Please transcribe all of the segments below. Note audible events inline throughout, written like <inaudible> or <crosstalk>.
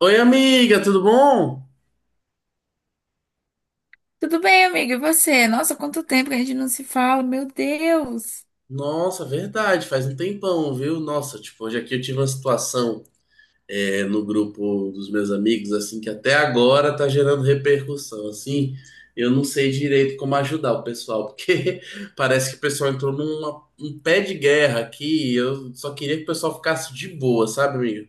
Oi, amiga, tudo bom? Tudo bem, amiga? E você? Nossa, quanto tempo que a gente não se fala, meu Deus! Nossa, verdade, faz um tempão, viu? Nossa, tipo, hoje aqui eu tive uma situação no grupo dos meus amigos, assim, que até agora tá gerando repercussão, assim. Eu não sei direito como ajudar o pessoal, porque <laughs> parece que o pessoal entrou num pé de guerra aqui e eu só queria que o pessoal ficasse de boa, sabe, amiga?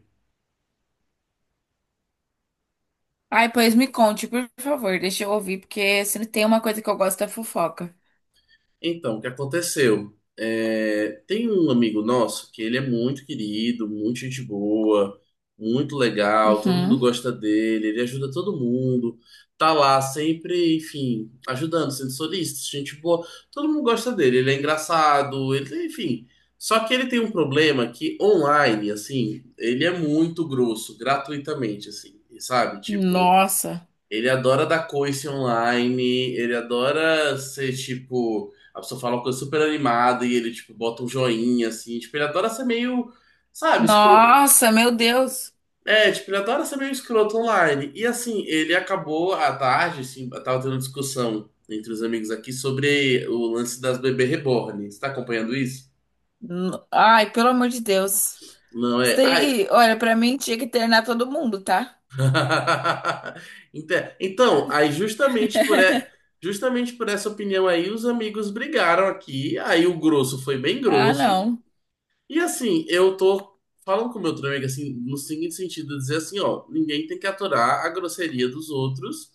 Ai, pois me conte, por favor, deixa eu ouvir, porque se não tem uma coisa que eu gosto é fofoca. Então, o que aconteceu? É, tem um amigo nosso que ele é muito querido, muito gente boa, muito legal, todo mundo Uhum. gosta dele, ele ajuda todo mundo, tá lá sempre, enfim, ajudando, sendo solícito, gente boa, todo mundo gosta dele, ele é engraçado, ele, enfim. Só que ele tem um problema que online, assim, ele é muito grosso, gratuitamente, assim, sabe? Tipo. Nossa. Ele adora dar coice online, ele adora ser tipo. A pessoa fala uma coisa super animada e ele, tipo, bota um joinha, assim. Tipo, ele adora ser meio. Sabe, escro... Nossa, meu Deus! É, tipo, ele adora ser meio escroto online. E assim, ele acabou à tarde, assim, tava tendo uma discussão entre os amigos aqui sobre o lance das bebê reborn. Você tá acompanhando isso? Ai, pelo amor de Deus. Não Isso é. Ah, daí, olha, pra mim tinha que internar todo mundo, tá? <laughs> Então, aí justamente por, e- justamente por essa opinião aí, os amigos brigaram aqui, aí o grosso foi bem Ah, grosso, não. e assim, eu tô falando com o meu outro amigo, assim, no seguinte sentido, dizer assim, ó, ninguém tem que aturar a grosseria dos outros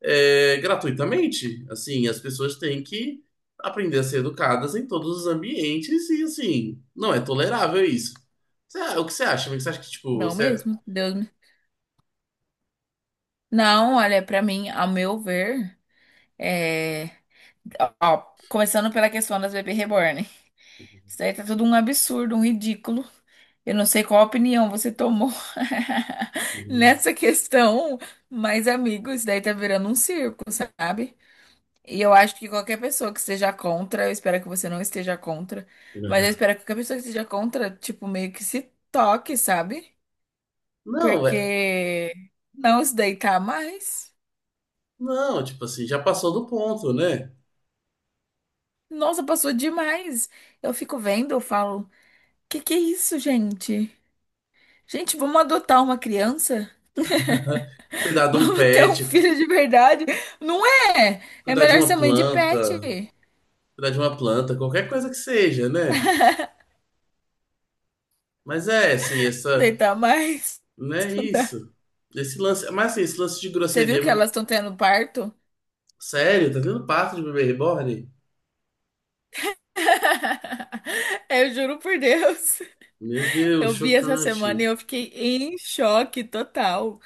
gratuitamente, assim, as pessoas têm que aprender a ser educadas em todos os ambientes, e assim, não é tolerável isso. O que você acha, amigo? Você acha que, tipo, Não você... mesmo. Deus me... Não, olha, pra mim, ao meu ver, é... Ó, ó, começando pela questão das bebês reborn. Isso daí tá tudo um absurdo, um ridículo. Eu não sei qual opinião você tomou <laughs> nessa questão, mas, amigos, isso daí tá virando um circo, sabe? E eu acho que qualquer pessoa que esteja contra, eu espero que você não esteja contra, mas eu espero que qualquer pessoa que esteja contra, tipo, meio que se toque, sabe? Não, é, Porque não se deitar mais. não, tipo assim, já passou do ponto, né? Nossa, passou demais. Eu fico vendo, eu falo, que é isso, gente? Gente, vamos adotar uma criança? Cuidar <laughs> de um Vamos ter um pet, filho de verdade? Não é! É cuidar de melhor uma ser mãe de pet. planta, cuidar de uma planta, qualquer coisa que seja, né? Mas é, assim, essa, Deitar mais. né, Estudar. isso. Esse lance, mas assim, esse lance de Você viu grosseria, que elas estão tendo parto? sério, tá tendo parto de bebê reborn? <laughs> Eu juro por Deus. Meu Deus, Eu vi essa semana e chocante. eu fiquei em choque total.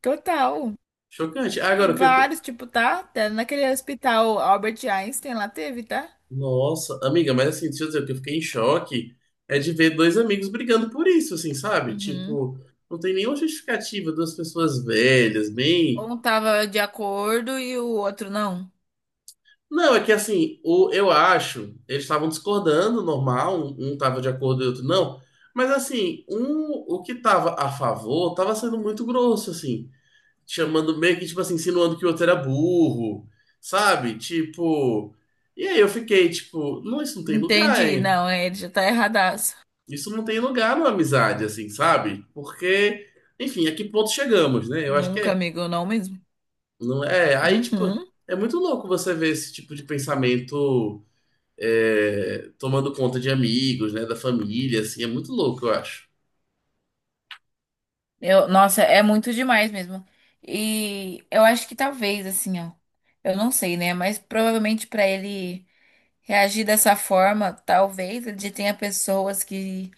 Total. Chocante. E Agora, o que eu... vários, tipo, tá? Tá naquele hospital Albert Einstein lá teve, tá? Nossa, amiga, mas assim, deixa eu dizer, o que eu fiquei em choque é de ver dois amigos brigando por isso, assim, sabe? Uhum. Tipo, não tem nenhuma justificativa, duas pessoas velhas, bem... Um tava de acordo e o outro não. Não, é que assim, o, eu acho, eles estavam discordando, normal, um tava de acordo e outro não. Mas assim, um, o que tava a favor tava sendo muito grosso, assim, chamando meio que, tipo assim, insinuando que o outro era burro, sabe? Tipo. E aí eu fiquei, tipo, não, isso não tem lugar, Entendi. hein? Não, ele já tá erradaço. Isso não tem lugar numa amizade, assim, sabe? Porque, enfim, a que ponto chegamos, né? Eu acho que Nunca, é. amigo, não mesmo. Não é. Aí, tipo, Uhum. é muito louco você ver esse tipo de pensamento tomando conta de amigos, né, da família, assim, é muito louco, eu acho. Eu, nossa, é muito demais mesmo. E eu acho que talvez, assim, ó. Eu não sei, né? Mas provavelmente pra ele reagir dessa forma, talvez ele tenha pessoas que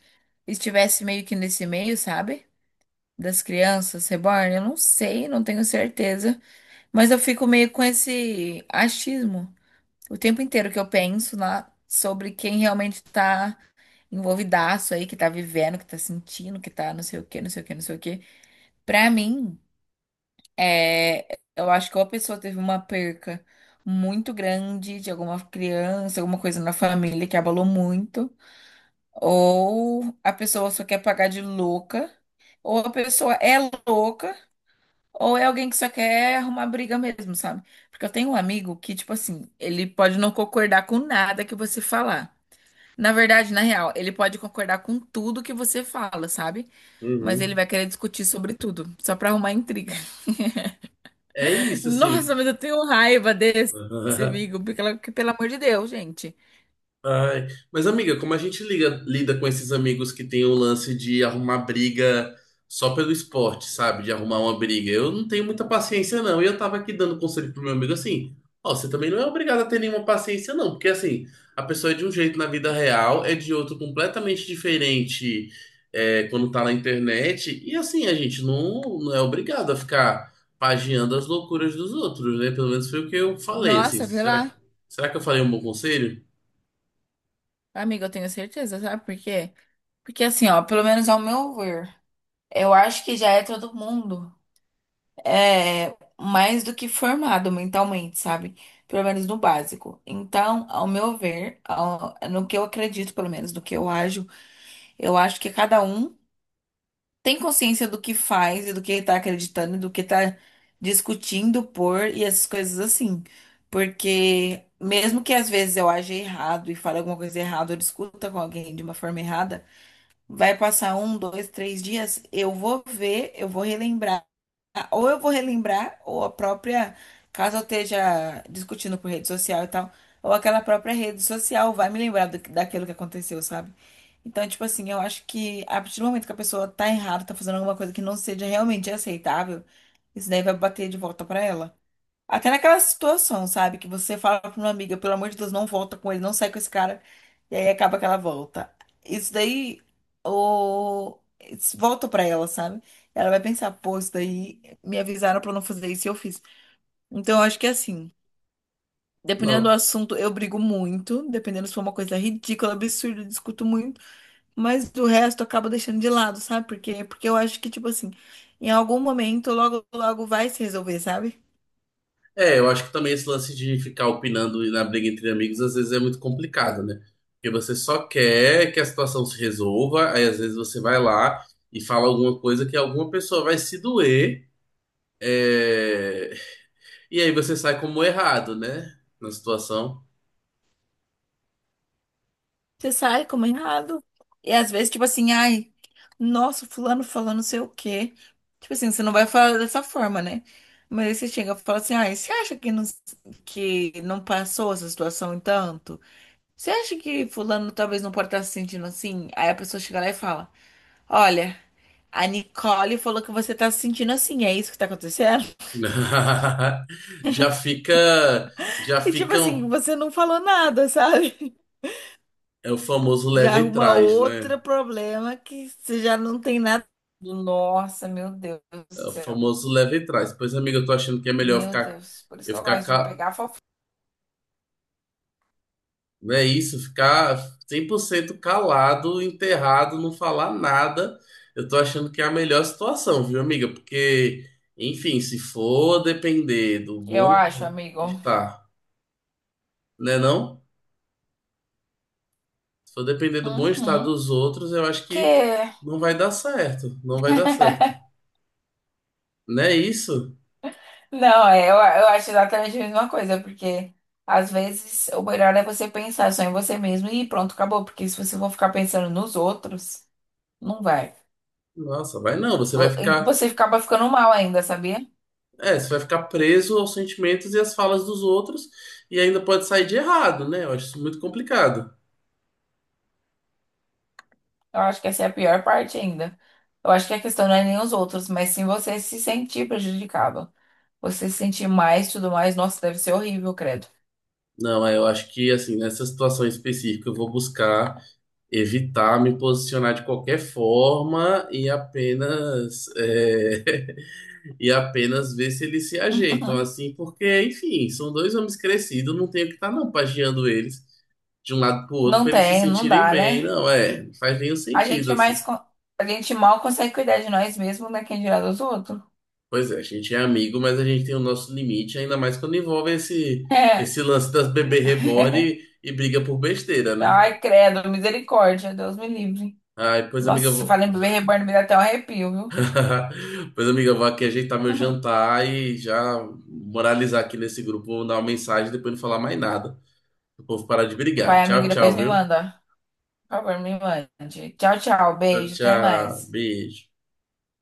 estivesse meio que nesse meio, sabe? Das crianças reborn. Eu não sei, não tenho certeza. Mas eu fico meio com esse achismo. O tempo inteiro que eu penso lá sobre quem realmente tá envolvidaço aí, que tá vivendo, que tá sentindo, que tá não sei o quê, não sei o quê, não sei o quê. Pra mim, é, eu acho que ou a pessoa teve uma perca muito grande de alguma criança, alguma coisa na família que abalou muito, ou a pessoa só quer pagar de louca, ou a pessoa é louca, ou é alguém que só quer arrumar briga mesmo, sabe? Porque eu tenho um amigo que, tipo assim, ele pode não concordar com nada que você falar. Na verdade, na real, ele pode concordar com tudo que você fala, sabe? Mas ele Uhum. vai querer discutir sobre tudo, só pra arrumar intriga. É isso, assim. Nossa, mas eu tenho raiva desse <laughs> amigo, porque, que, pelo amor de Deus, gente. Ai, mas amiga, como a gente lida com esses amigos que tem o lance de arrumar briga só pelo esporte, sabe? De arrumar uma briga. Eu não tenho muita paciência, não. E eu tava aqui dando conselho pro meu amigo assim: ó, você também não é obrigado a ter nenhuma paciência, não. Porque assim, a pessoa é de um jeito na vida real, é de outro completamente diferente quando tá na internet. E assim, a gente não é obrigado a ficar pagiando as loucuras dos outros, né? Pelo menos foi o que eu falei, assim. Nossa, vê Será, lá. será que eu falei um bom conselho? Amiga, eu tenho certeza, sabe por quê? Porque assim, ó, pelo menos ao meu ver, eu acho que já é todo mundo é mais do que formado mentalmente, sabe? Pelo menos no básico. Então, ao meu ver, no que eu acredito, pelo menos, no que eu ajo, eu acho que cada um tem consciência do que faz e do que tá acreditando, e do que tá discutindo por e essas coisas assim. Porque mesmo que às vezes eu aja errado e fale alguma coisa errada, ou discuta com alguém de uma forma errada, vai passar um, dois, três dias, eu vou ver, eu vou relembrar. Ah, ou eu vou relembrar, ou a própria, caso eu esteja discutindo por rede social e tal, ou aquela própria rede social vai me lembrar daquilo que aconteceu, sabe? Então, tipo assim, eu acho que a partir do momento que a pessoa tá errada, tá fazendo alguma coisa que não seja realmente aceitável, isso daí vai bater de volta pra ela. Até naquela situação, sabe? Que você fala pra uma amiga, pelo amor de Deus, não volta com ele, não sai com esse cara, e aí acaba que ela volta. Isso daí, isso volta pra ela, sabe? Ela vai pensar, pô, isso daí me avisaram pra eu não fazer isso e eu fiz. Então, eu acho que é assim, dependendo do assunto, eu brigo muito, dependendo se for uma coisa ridícula, absurda, eu discuto muito, mas do resto eu acabo deixando de lado, sabe? Porque eu acho que, tipo assim, em algum momento, logo, logo vai se resolver, sabe? É, eu acho que também esse lance de ficar opinando na briga entre amigos às vezes é muito complicado, né? Porque você só quer que a situação se resolva, aí às vezes você vai lá e fala alguma coisa que alguma pessoa vai se doer, é, e aí você sai como errado, né? Na situação. Você sai como errado. E às vezes, tipo assim, ai, nossa, fulano falando não sei o quê. Tipo assim, você não vai falar dessa forma, né? Mas aí você chega e fala assim, ai, você acha que não passou essa situação em tanto? Você acha que fulano talvez não pode estar se sentindo assim? Aí a pessoa chega lá e fala, olha, a Nicole falou que você tá se sentindo assim, é isso que tá acontecendo? <laughs> <laughs> Já fica, já E tipo assim, ficam, você não falou nada, sabe? é o famoso Já leva e arruma traz, né? outro problema que você já não tem nada. Nossa, meu Deus do É o céu. famoso leva e traz. Pois, amigo, eu tô achando que é melhor eu Meu ficar, Deus. Por isso eu que eu ficar gosto de ca- pegar fofoca. não é isso, ficar 100% calado, enterrado, não falar nada. Eu tô achando que é a melhor situação, viu, amiga? Porque, enfim, se for depender do Eu acho, bom amigo. estar, né, não? Se for depender do bom estar Uhum. dos outros, eu acho que Que. não vai dar certo, não vai dar certo. Não é isso? Não, é, eu acho exatamente a mesma coisa, porque às vezes o melhor é você pensar só em você mesmo e pronto, acabou. Porque se você for ficar pensando nos outros, não vai. Nossa, vai não, você vai Vo- e ficar, Você acaba ficando mal ainda, sabia? é, você vai ficar preso aos sentimentos e às falas dos outros e ainda pode sair de errado, né? Eu acho isso muito complicado. Eu acho que essa é a pior parte ainda. Eu acho que a questão não é nem os outros, mas sim você se sentir prejudicado. Você se sentir mais, tudo mais. Nossa, deve ser horrível, credo. Não, é, eu acho que assim, nessa situação específica, eu vou buscar evitar me posicionar de qualquer forma e apenas <laughs> e apenas ver se eles se ajeitam, <laughs> assim, porque, enfim, são dois homens crescidos, não tenho que estar não pagiando eles de um lado pro outro Não para eles se tem, não sentirem dá, bem, né? não, é, não faz nenhum A sentido, gente mais, assim. con- a gente mal consegue cuidar de nós mesmos, né? Quem dirá dos outros? <laughs> Pois é, a gente é amigo, mas a gente tem o nosso limite, ainda mais quando envolve esse, É. esse lance das bebê reborn e briga por besteira, né? Ai, credo, misericórdia, Deus me livre. Ai, pois, amiga, Nossa, eu se vou. fala em bebê reborn, me dá até um arrepio, viu? <laughs> Pois, amiga, eu vou aqui ajeitar meu <laughs> jantar e já moralizar aqui nesse grupo, vou mandar uma mensagem e depois não falar mais nada. O povo parar de brigar. Vai, Tchau, amigo, depois tchau, me viu? manda. Por favor, me mande. Tchau, tchau, Tchau, beijo, até tchau. mais. Beijo.